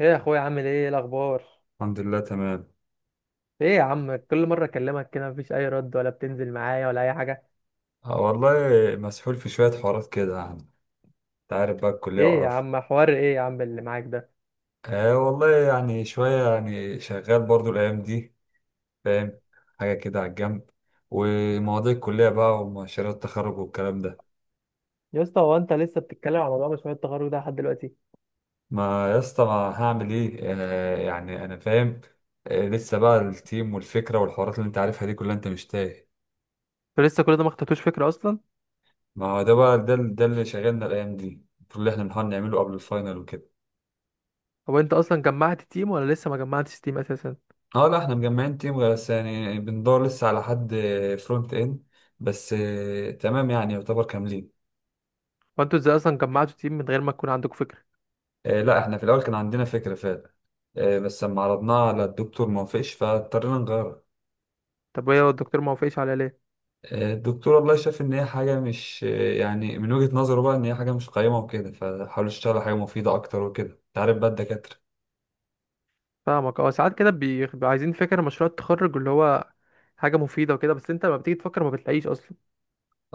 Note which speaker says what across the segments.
Speaker 1: ايه يا اخويا، عامل ايه؟ إيه الاخبار؟
Speaker 2: الحمد لله تمام.
Speaker 1: ايه يا عم، كل مره اكلمك كده مفيش اي رد، ولا بتنزل معايا، ولا اي حاجه؟
Speaker 2: آه والله. مسحول في شوية حوارات كده يعني. انت عارف بقى الكلية
Speaker 1: ايه يا
Speaker 2: وقرفها.
Speaker 1: عم، حوار ايه يا عم اللي معاك ده؟
Speaker 2: آه والله، يعني شوية يعني شغال برضو الأيام دي. فاهم. حاجة كده على الجنب. ومواضيع الكلية بقى ومشاريع التخرج والكلام ده.
Speaker 1: يا اسطى، هو انت لسه بتتكلم على موضوع مشروع التخرج ده لحد دلوقتي؟
Speaker 2: ما يا اسطى ما هعمل ايه آه يعني أنا فاهم. آه لسه بقى التيم والفكرة والحوارات اللي انت عارفها دي كلها، انت مش تايه.
Speaker 1: انت لسه كل ده ما خدتوش فكره اصلا؟
Speaker 2: ما هو ده بقى ده اللي شغلنا الأيام دي المفروض اللي احنا بنحاول نعمله قبل الفاينل وكده.
Speaker 1: هو انت اصلا جمعت تيم، ولا لسه ما جمعتش تيم اساسا؟
Speaker 2: اه لا احنا مجمعين تيم بس يعني بندور لسه على حد فرونت اند. بس آه، تمام يعني يعتبر كاملين.
Speaker 1: وانتوا ازاي اصلا جمعتوا تيم من غير ما تكون عندكم فكره؟
Speaker 2: آه، لا احنا في الاول كان عندنا فكرة فعلا. آه، بس لما عرضناها على الدكتور ما وافقش فاضطرينا نغيرها.
Speaker 1: طب ايه هو
Speaker 2: ف-
Speaker 1: الدكتور ما وافقش عليها ليه؟
Speaker 2: آه، الدكتور والله شاف ان هي حاجة مش آه، يعني من وجهة نظره بقى ان هي حاجة مش قيمة وكده، فحاول يشتغل على حاجة مفيدة اكتر وكده انت عارف بقى الدكاترة.
Speaker 1: فاهمك. اه ساعات كده بيبقى عايزين فكره مشروع التخرج اللي هو حاجه مفيده وكده، بس انت لما بتيجي تفكر ما بتلاقيش اصلا.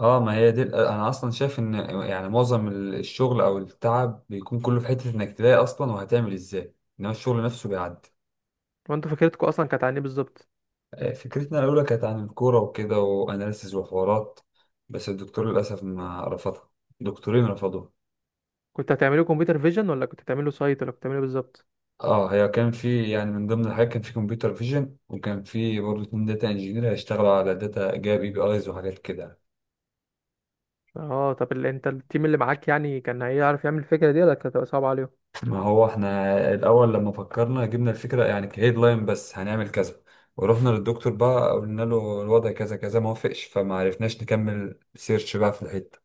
Speaker 2: اه ما هي دي انا اصلا شايف ان يعني معظم الشغل او التعب بيكون كله في حتة انك تلاقي اصلا وهتعمل ازاي، انما الشغل نفسه بيعدي.
Speaker 1: وانتوا فكرتكم اصلا كانت عن ايه بالظبط؟
Speaker 2: آه، فكرتنا الأولى كانت عن الكورة وكده وأناليسز وحوارات. بس الدكتور للأسف ما رفضها، دكتورين رفضوها.
Speaker 1: كنت هتعمله كمبيوتر فيجن، ولا كنت هتعمله سايت، ولا كنت هتعمله بالظبط؟
Speaker 2: اه هي كان في يعني من ضمن الحاجات كان في كمبيوتر فيجن، وكان في برضه اتنين داتا انجينير هيشتغلوا على داتا جاب اي بي ايز وحاجات كده.
Speaker 1: اه طب انت التيم اللي معاك يعني كان هيعرف يعمل الفكره دي، ولا كانت هتبقى صعبه عليهم؟
Speaker 2: ما هو احنا الأول لما فكرنا جبنا الفكرة يعني كهيد لاين، بس هنعمل كذا ورحنا للدكتور بقى قلنا له الوضع كذا كذا، ما وافقش فما عرفناش نكمل سيرش بقى في الحتة،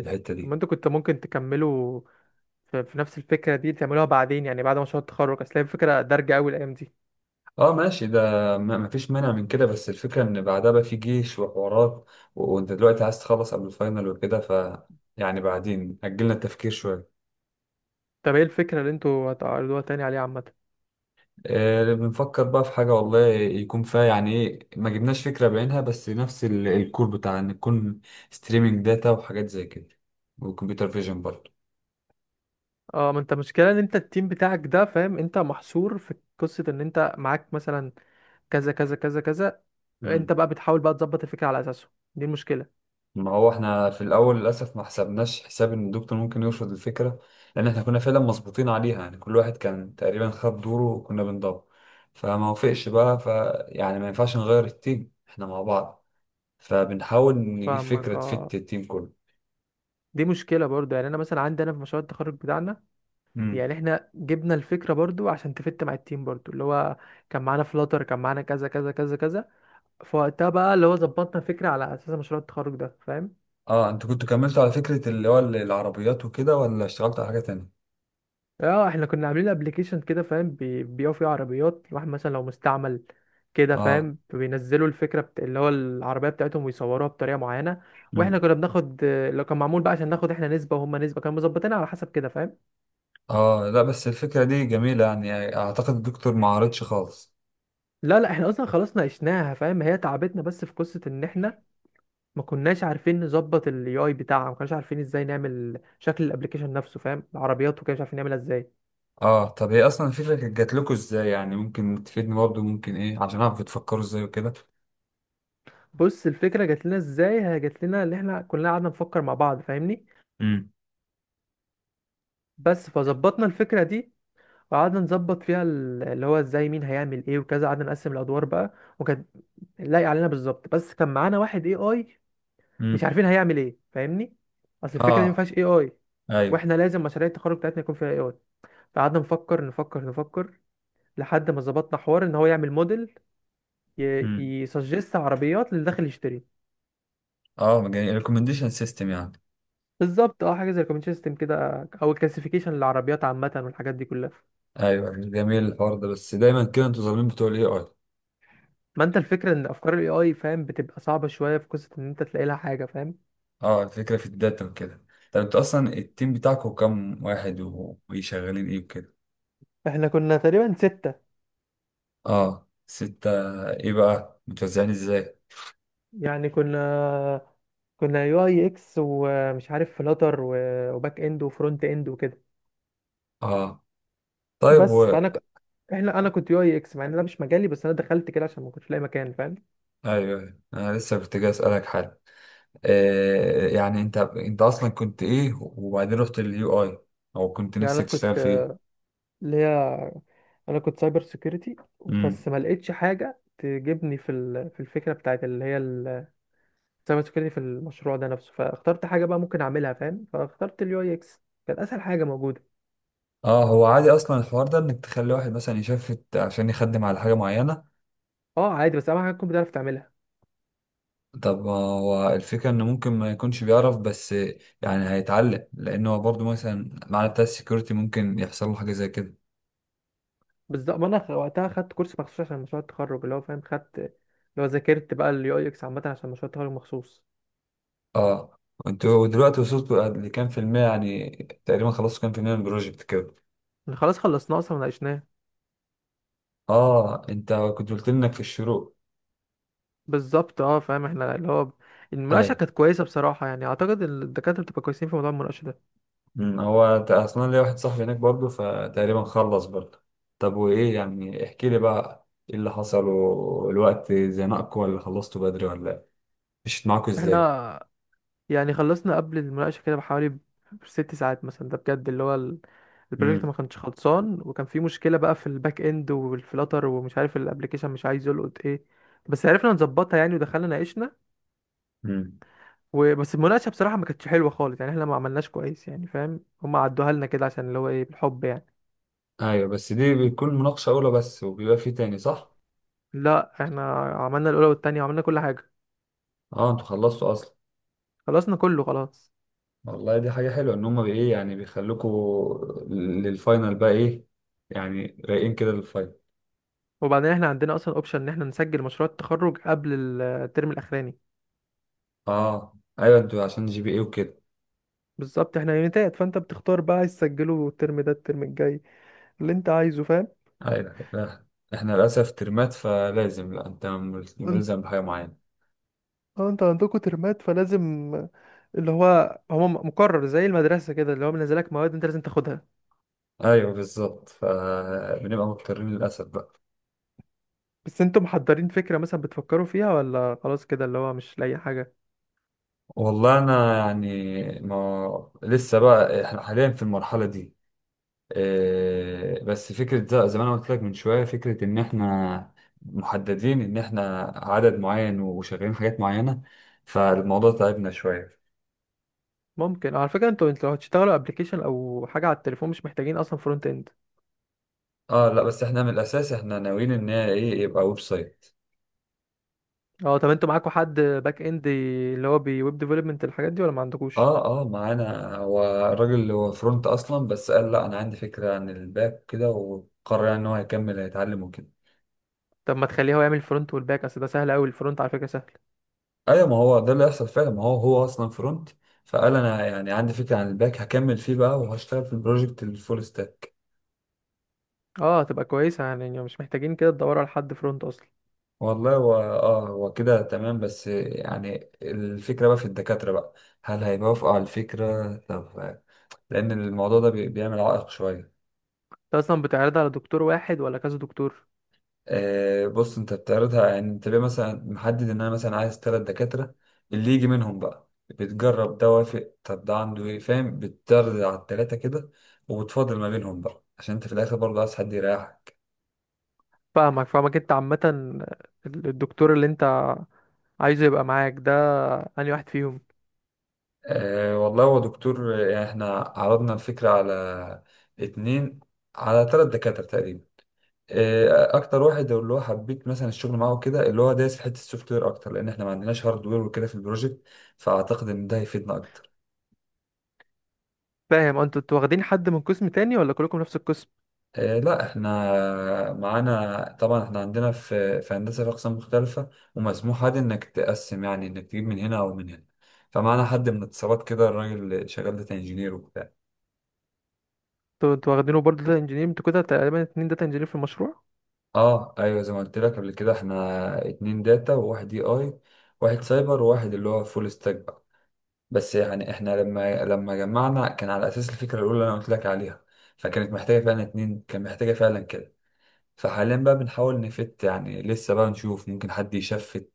Speaker 2: الحتة
Speaker 1: طب ما
Speaker 2: دي.
Speaker 1: انتوا كنت ممكن تكملوا في نفس الفكره دي، تعملوها بعدين يعني بعد مشروع التخرج، اصل هي الفكره دارجه قوي الايام دي.
Speaker 2: اه ماشي ده. ما فيش مانع من كده، بس الفكرة ان بعدها بقى في جيش وحوارات. وانت دلوقتي عايز تخلص قبل الفاينل وكده، ف يعني بعدين اجلنا التفكير شوية.
Speaker 1: طب ايه الفكره اللي انتوا هتعرضوها تاني عليها عامه؟
Speaker 2: آه بنفكر بقى في حاجة والله يكون فيها يعني ايه، ما جبناش فكرة بعينها بس نفس الكور بتاع ان يكون ستريمينج داتا وحاجات زي كده، وكمبيوتر فيجن برضه.
Speaker 1: اه، ما انت مشكله ان انت التيم بتاعك ده، فاهم؟ انت محصور في قصه ان انت معاك مثلا كذا كذا كذا كذا، انت بقى بتحاول بقى تظبط الفكره على اساسه. دي المشكله.
Speaker 2: ما هو احنا في الاول للاسف ما حسبناش حساب ان الدكتور ممكن يرفض الفكره، لان احنا كنا فعلا مظبوطين عليها يعني، كل واحد كان تقريبا خد دوره وكنا بندور. فما وافقش بقى ف يعني ما ينفعش نغير التيم احنا مع بعض، فبنحاول نجيب
Speaker 1: فاهمك.
Speaker 2: فكره
Speaker 1: اه
Speaker 2: تفت التيم كله.
Speaker 1: دي مشكلة برضو، يعني أنا مثلا عندي أنا في مشروع التخرج بتاعنا.
Speaker 2: امم.
Speaker 1: يعني إحنا جبنا الفكرة برضو عشان تفت مع التيم برضو، اللي هو كان معانا فلاتر، كان معانا كذا كذا كذا كذا، فوقتها بقى اللي هو ظبطنا الفكرة على أساس مشروع التخرج ده، فاهم؟
Speaker 2: اه انتوا كنتوا كملتوا على فكره اللي هو العربيات وكده، ولا اشتغلتوا على حاجه تانية؟
Speaker 1: اه احنا كنا عاملين ابلكيشن كده، فاهم؟ بيبيعوا فيه عربيات، الواحد مثلا لو مستعمل كده،
Speaker 2: اه.
Speaker 1: فاهم؟ بينزلوا الفكرة اللي هو العربية بتاعتهم ويصوروها بطريقة معينة. واحنا
Speaker 2: امم.
Speaker 1: كنا بناخد، لو كان معمول بقى، عشان ناخد احنا نسبة وهم نسبة، كانوا مظبطينها على حسب كده، فاهم؟
Speaker 2: اه لا بس الفكره دي جميله، يعني اعتقد الدكتور ما عارضش خالص.
Speaker 1: لا، لا، احنا اصلا خلاص ناقشناها، فاهم؟ هي تعبتنا بس في قصه ان احنا ما كناش عارفين نظبط الاي اي بتاعها، ما كناش عارفين ازاي نعمل شكل الابلكيشن نفسه، فاهم؟ العربيات وكده مش عارفين نعملها ازاي.
Speaker 2: اه، طب هي اصلا الفكره كانت جات لكم ازاي؟ يعني ممكن تفيدني برضه، ممكن ايه عشان اعرف بتفكروا ازاي وكده.
Speaker 1: بص، الفكره جات لنا ازاي؟ هي جات لنا اللي احنا كلنا قعدنا نفكر مع بعض، فاهمني؟
Speaker 2: امم.
Speaker 1: بس فظبطنا الفكره دي، وقعدنا نظبط فيها اللي هو ازاي مين هيعمل ايه وكذا، قعدنا نقسم الادوار بقى، وكانت لايق علينا بالظبط، بس كان معانا واحد اي اي مش
Speaker 2: امم.
Speaker 1: عارفين هيعمل ايه، فاهمني؟ اصل الفكره دي ما
Speaker 2: اه.
Speaker 1: فيهاش اي اي.
Speaker 2: ايوه.
Speaker 1: واحنا لازم مشاريع التخرج بتاعتنا يكون فيها اي اي. قعدنا نفكر، نفكر، نفكر، لحد ما ظبطنا حوار ان هو يعمل موديل
Speaker 2: امم.
Speaker 1: يسجست عربيات للي داخل يشتري.
Speaker 2: اه جميل، ريكومنديشن سيستم يعني.
Speaker 1: بالظبط، اه حاجه زي الكومنت سيستم كده او كلاسيفيكيشن للعربيات عامه والحاجات دي كلها.
Speaker 2: ايوه جميل الحوار ده، بس دايما كده انتوا ظالمين بتوع الاي اي.
Speaker 1: ما انت الفكره ان افكار الاي اي، فاهم، بتبقى صعبه شويه، في قصه ان انت تلاقي لها حاجه، فاهم؟
Speaker 2: اه الفكره في الداتا وكده. طب انتوا اصلا التيم بتاعكم كام واحد وشغالين ايه وكده؟
Speaker 1: احنا كنا تقريبا 6،
Speaker 2: اه ستة. ايه بقى متوزعين ازاي؟
Speaker 1: يعني كنا يو اي اكس ومش عارف فلاتر وباك اند وفرونت اند وكده.
Speaker 2: اه طيب و
Speaker 1: بس فانا ك- احنا انا كنت يو اي اكس مع ان ده مش مجالي، بس انا دخلت كده عشان ما كنتش لاقي مكان، فاهم؟
Speaker 2: ايوه انا لسه كنت جاي اسالك حاجه. آه يعني انت انت اصلا كنت ايه، وبعدين رحت لليو اي، او كنت
Speaker 1: يعني
Speaker 2: نفسك تشتغل في ايه؟
Speaker 1: اللي هي انا كنت سايبر سيكيورتي. بس
Speaker 2: امم.
Speaker 1: ما لقيتش حاجه تجيبني في الفكره بتاعت اللي هي السايبر سيكيورتي في المشروع ده نفسه، فاخترت حاجه بقى ممكن اعملها، فاهم؟ فاخترت اليو اي اكس، كانت اسهل حاجه موجوده.
Speaker 2: اه هو عادي اصلا الحوار ده انك تخلي واحد مثلا يشفت عشان يخدم على حاجه معينه.
Speaker 1: اه عادي، بس اهم حاجه تكون بتعرف تعملها.
Speaker 2: طب هو الفكره انه ممكن ما يكونش بيعرف، بس يعني هيتعلم، لانه هو برضه مثلا معنى بتاع السكيورتي ممكن يحصل له حاجه زي كده.
Speaker 1: بالظبط، ما انا وقتها خدت كورس مخصوص عشان مشروع التخرج، اللي هو فاهم، خدت اللي هو ذاكرت بقى اليو اي اكس عامه عشان مشروع التخرج مخصوص.
Speaker 2: اه انتوا دلوقتي وصلتوا لكام في المية يعني، تقريبا خلصتوا كام في المية من البروجكت كده؟
Speaker 1: خلاص، خلصناه اصلا وناقشناه.
Speaker 2: اه انت كنت قلت لي انك في الشروق.
Speaker 1: بالظبط، اه فاهم. احنا اللي هو المناقشه
Speaker 2: ايوه.
Speaker 1: كانت كويسه بصراحه، يعني اعتقد إن الدكاتره بتبقى كويسين في موضوع المناقشه ده.
Speaker 2: هو اصلا ليا واحد صاحبي هناك برضه، فتقريبا خلص برضه. طب وايه يعني، احكي لي بقى ايه اللي حصل، والوقت زنقكم ولا خلصتوا بدري ولا ايه؟ مشيت معاكم ازاي؟
Speaker 1: احنا يعني خلصنا قبل المناقشة كده بحوالي 6 ساعات مثلا، ده بجد، اللي هو البروجكت ما
Speaker 2: امم.
Speaker 1: كانش خلصان، وكان في مشكلة بقى في الباك اند والفلاتر، ومش عارف الابلكيشن مش عايز يلقط ايه. بس عرفنا نظبطها يعني، ودخلنا ناقشنا.
Speaker 2: امم.
Speaker 1: وبس المناقشة بصراحة ما كانتش حلوة خالص، يعني احنا ما عملناش كويس يعني، فاهم؟ هم عدوها لنا كده عشان اللي هو ايه بالحب يعني.
Speaker 2: ايوه بس دي بتكون مناقشة اولى بس، وبيبقى في تاني صح؟
Speaker 1: لا، احنا عملنا الأولى والتانية، وعملنا كل حاجة.
Speaker 2: اه انتوا خلصتوا اصلا.
Speaker 1: خلصنا كله خلاص.
Speaker 2: والله دي حاجة حلوة، ان هما بايه يعني بيخلوكوا للفاينل بقى، ايه يعني رايقين كده للفاينل.
Speaker 1: وبعدين احنا عندنا اصلا اوبشن ان احنا نسجل مشروع التخرج قبل الترم الاخراني.
Speaker 2: اه ايوه، انتوا عشان جي بي ايه وكده.
Speaker 1: بالظبط، احنا يونيتات، فانت بتختار بقى عايز تسجله الترم ده، الترم الجاي، اللي انت عايزه فاهم؟
Speaker 2: ايوه لا، احنا للاسف ترمات فلازم، لا انت
Speaker 1: انت
Speaker 2: ملزم بحاجه معينه.
Speaker 1: اه انت عندكوا ترمات فلازم، اللي هو مقرر زي المدرسة كده، اللي هو منزلك مواد انت لازم تاخدها.
Speaker 2: ايوه بالظبط، فبنبقى مضطرين للاسف بقى.
Speaker 1: بس انتوا محضرين فكرة مثلا بتفكروا فيها، ولا خلاص كده اللي هو مش لاقي حاجة؟
Speaker 2: والله انا يعني ما لسه بقى احنا حاليا في المرحله دي. إيه، بس فكره زي ما انا قلت لك من شويه، فكره ان احنا محددين ان احنا عدد معين وشغالين حاجات معينه، فالموضوع تعبنا شويه.
Speaker 1: ممكن على فكرة، انتوا لو هتشتغلوا ابلكيشن او حاجة على التليفون مش محتاجين اصلا فرونت اند.
Speaker 2: اه لا بس احنا من الاساس احنا ناويين ان هي ايه، يبقى ويب سايت.
Speaker 1: اه طب انتوا معاكوا حد باك اند، اللي هو بويب ديفلوبمنت الحاجات دي، ولا ما عندكوش؟
Speaker 2: اه اه معانا، هو الراجل اللي هو فرونت اصلا، بس قال لا انا عندي فكره عن الباك كده، وقرر يعني ان هو هيكمل هيتعلم وكده.
Speaker 1: طب ما تخليه هو يعمل الفرونت والباك، اصل ده سهل قوي، الفرونت على فكرة سهل.
Speaker 2: ايوه ما هو ده اللي هيحصل فعلا، ما هو هو اصلا فرونت، فقال انا يعني عندي فكره عن الباك هكمل فيه بقى، وهشتغل في البروجكت الفول ستاك.
Speaker 1: اه تبقى كويسة، يعني مش محتاجين كده تدوروا على حد فرونت اصلا.
Speaker 2: والله هو اه هو كده تمام، بس يعني الفكره بقى في الدكاتره بقى، هل هيوافقوا على الفكره طب؟ لان الموضوع ده بيعمل عائق شويه.
Speaker 1: انت اصلا بتعرض على دكتور واحد، ولا كذا دكتور؟
Speaker 2: آه، بص انت بتعرضها، يعني انت ليه مثلا محدد ان انا مثلا عايز ثلاث دكاترة، اللي يجي منهم بقى، بتجرب ده وافق، طب ده عنده ايه فاهم، بتعرض على التلاتة كده وبتفاضل ما بينهم بقى، عشان انت في الاخر برضه عايز حد يريحك.
Speaker 1: فاهمك، فاهمك. انت عامة الدكتور اللي انت عايزه يبقى معاك ده انهي واحد فيهم؟
Speaker 2: أه والله هو دكتور آه، يعني احنا عرضنا الفكرة على اتنين، على تلات دكاترة تقريبا. آه، اكتر واحد اللي هو حبيت مثلا الشغل معاه كده، اللي هو دايس في حته السوفت وير اكتر، لان احنا ما عندناش هارد وير وكده في البروجكت، فاعتقد ان ده هيفيدنا اكتر.
Speaker 1: فاهم. انتوا واخدين حد من قسم تاني، ولا كلكم نفس القسم؟
Speaker 2: آه، لا احنا معانا طبعا، احنا عندنا في هندسه في اقسام مختلفه، ومسموح عادي انك تقسم يعني انك تجيب من هنا او من هنا، فمعانا حد من اتصالات كده، الراجل شغال داتا انجينير وبتاع.
Speaker 1: انتوا واخدينه برضه داتا انجينير، انتوا كده تقريبا 2 داتا انجينير في المشروع.
Speaker 2: اه ايوه زي ما قلت لك قبل كده، احنا اتنين داتا وواحد اي اي، واحد سايبر وواحد اللي هو فول ستاك بقى. بس يعني احنا لما جمعنا كان على اساس الفكره الاولى اللي انا قلت لك عليها، فكانت محتاجه فعلا اتنين، كان محتاجه فعلا كده. فحاليا بقى بنحاول نفت يعني، لسه بقى نشوف ممكن حد يشفت،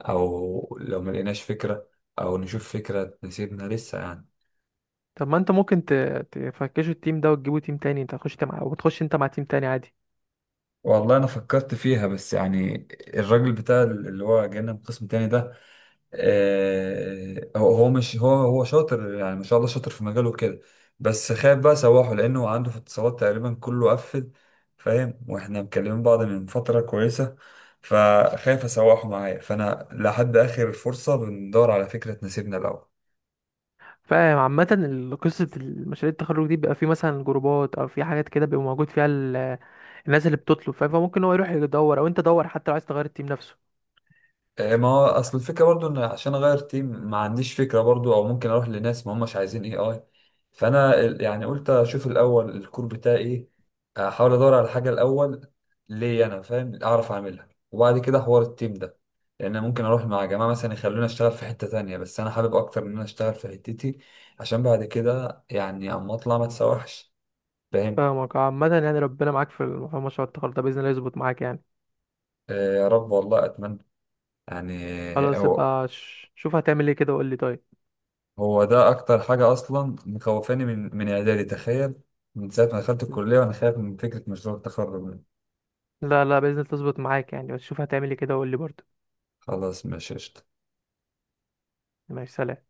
Speaker 2: او لو ما لقيناش فكرة، او نشوف فكرة تناسبنا لسه يعني.
Speaker 1: طب ما انت ممكن تفكشوا التيم ده وتجيبوا تيم تاني، انت هتخش مع، وتخش انت مع تيم تاني عادي.
Speaker 2: والله انا فكرت فيها، بس يعني الراجل بتاع اللي هو جانا من قسم تاني ده، آه هو هو مش هو هو شاطر يعني، ما شاء الله شاطر في مجاله كده، بس خايف بقى سواحه، لانه عنده في اتصالات تقريبا كله قفل فاهم، واحنا مكلمين بعض من فترة كويسة، فخايف اسوحه معايا، فانا لحد اخر فرصة بندور على فكرة تناسبنا الاول.
Speaker 1: فاهم. عامة قصة المشاريع التخرج دي بيبقى في مثلا جروبات او في حاجات كده بيبقى موجود فيها الناس اللي بتطلب، فاهم؟ فممكن هو يروح يدور، او انت دور حتى لو عايز تغير التيم نفسه.
Speaker 2: آه، ما هو اصل الفكره برضو، ان عشان اغير تيم ما عنديش فكره برضو، او ممكن اروح لناس ما هماش عايزين اي اي. فانا يعني قلت اشوف الاول الكور بتاعي ايه، احاول ادور على حاجه الاول ليه انا فاهم اعرف اعملها، وبعد كده حوار التيم ده. لان أنا ممكن اروح مع جماعه مثلا يخلوني اشتغل في حته تانية، بس انا حابب اكتر ان انا اشتغل في حتتي، عشان بعد كده يعني اما اطلع ما تسوحش فاهم.
Speaker 1: فاهمك. عامة يعني ربنا معاك في مشروع التخرج ده، بإذن الله يظبط معاك يعني.
Speaker 2: آه، يا رب والله اتمنى يعني.
Speaker 1: خلاص يبقى شوف هتعمل ايه كده وقول لي، طيب؟
Speaker 2: هو ده اكتر حاجه اصلا مخوفاني من اعدادي تخيل، من ساعه ما دخلت الكليه وانا خايف من فكره مشروع التخرج.
Speaker 1: لا، لا، بإذن الله تظبط معاك يعني، بس شوف هتعمل ايه كده وقول لي برضه.
Speaker 2: خلاص ماشي قشطة.
Speaker 1: ماشي، سلام.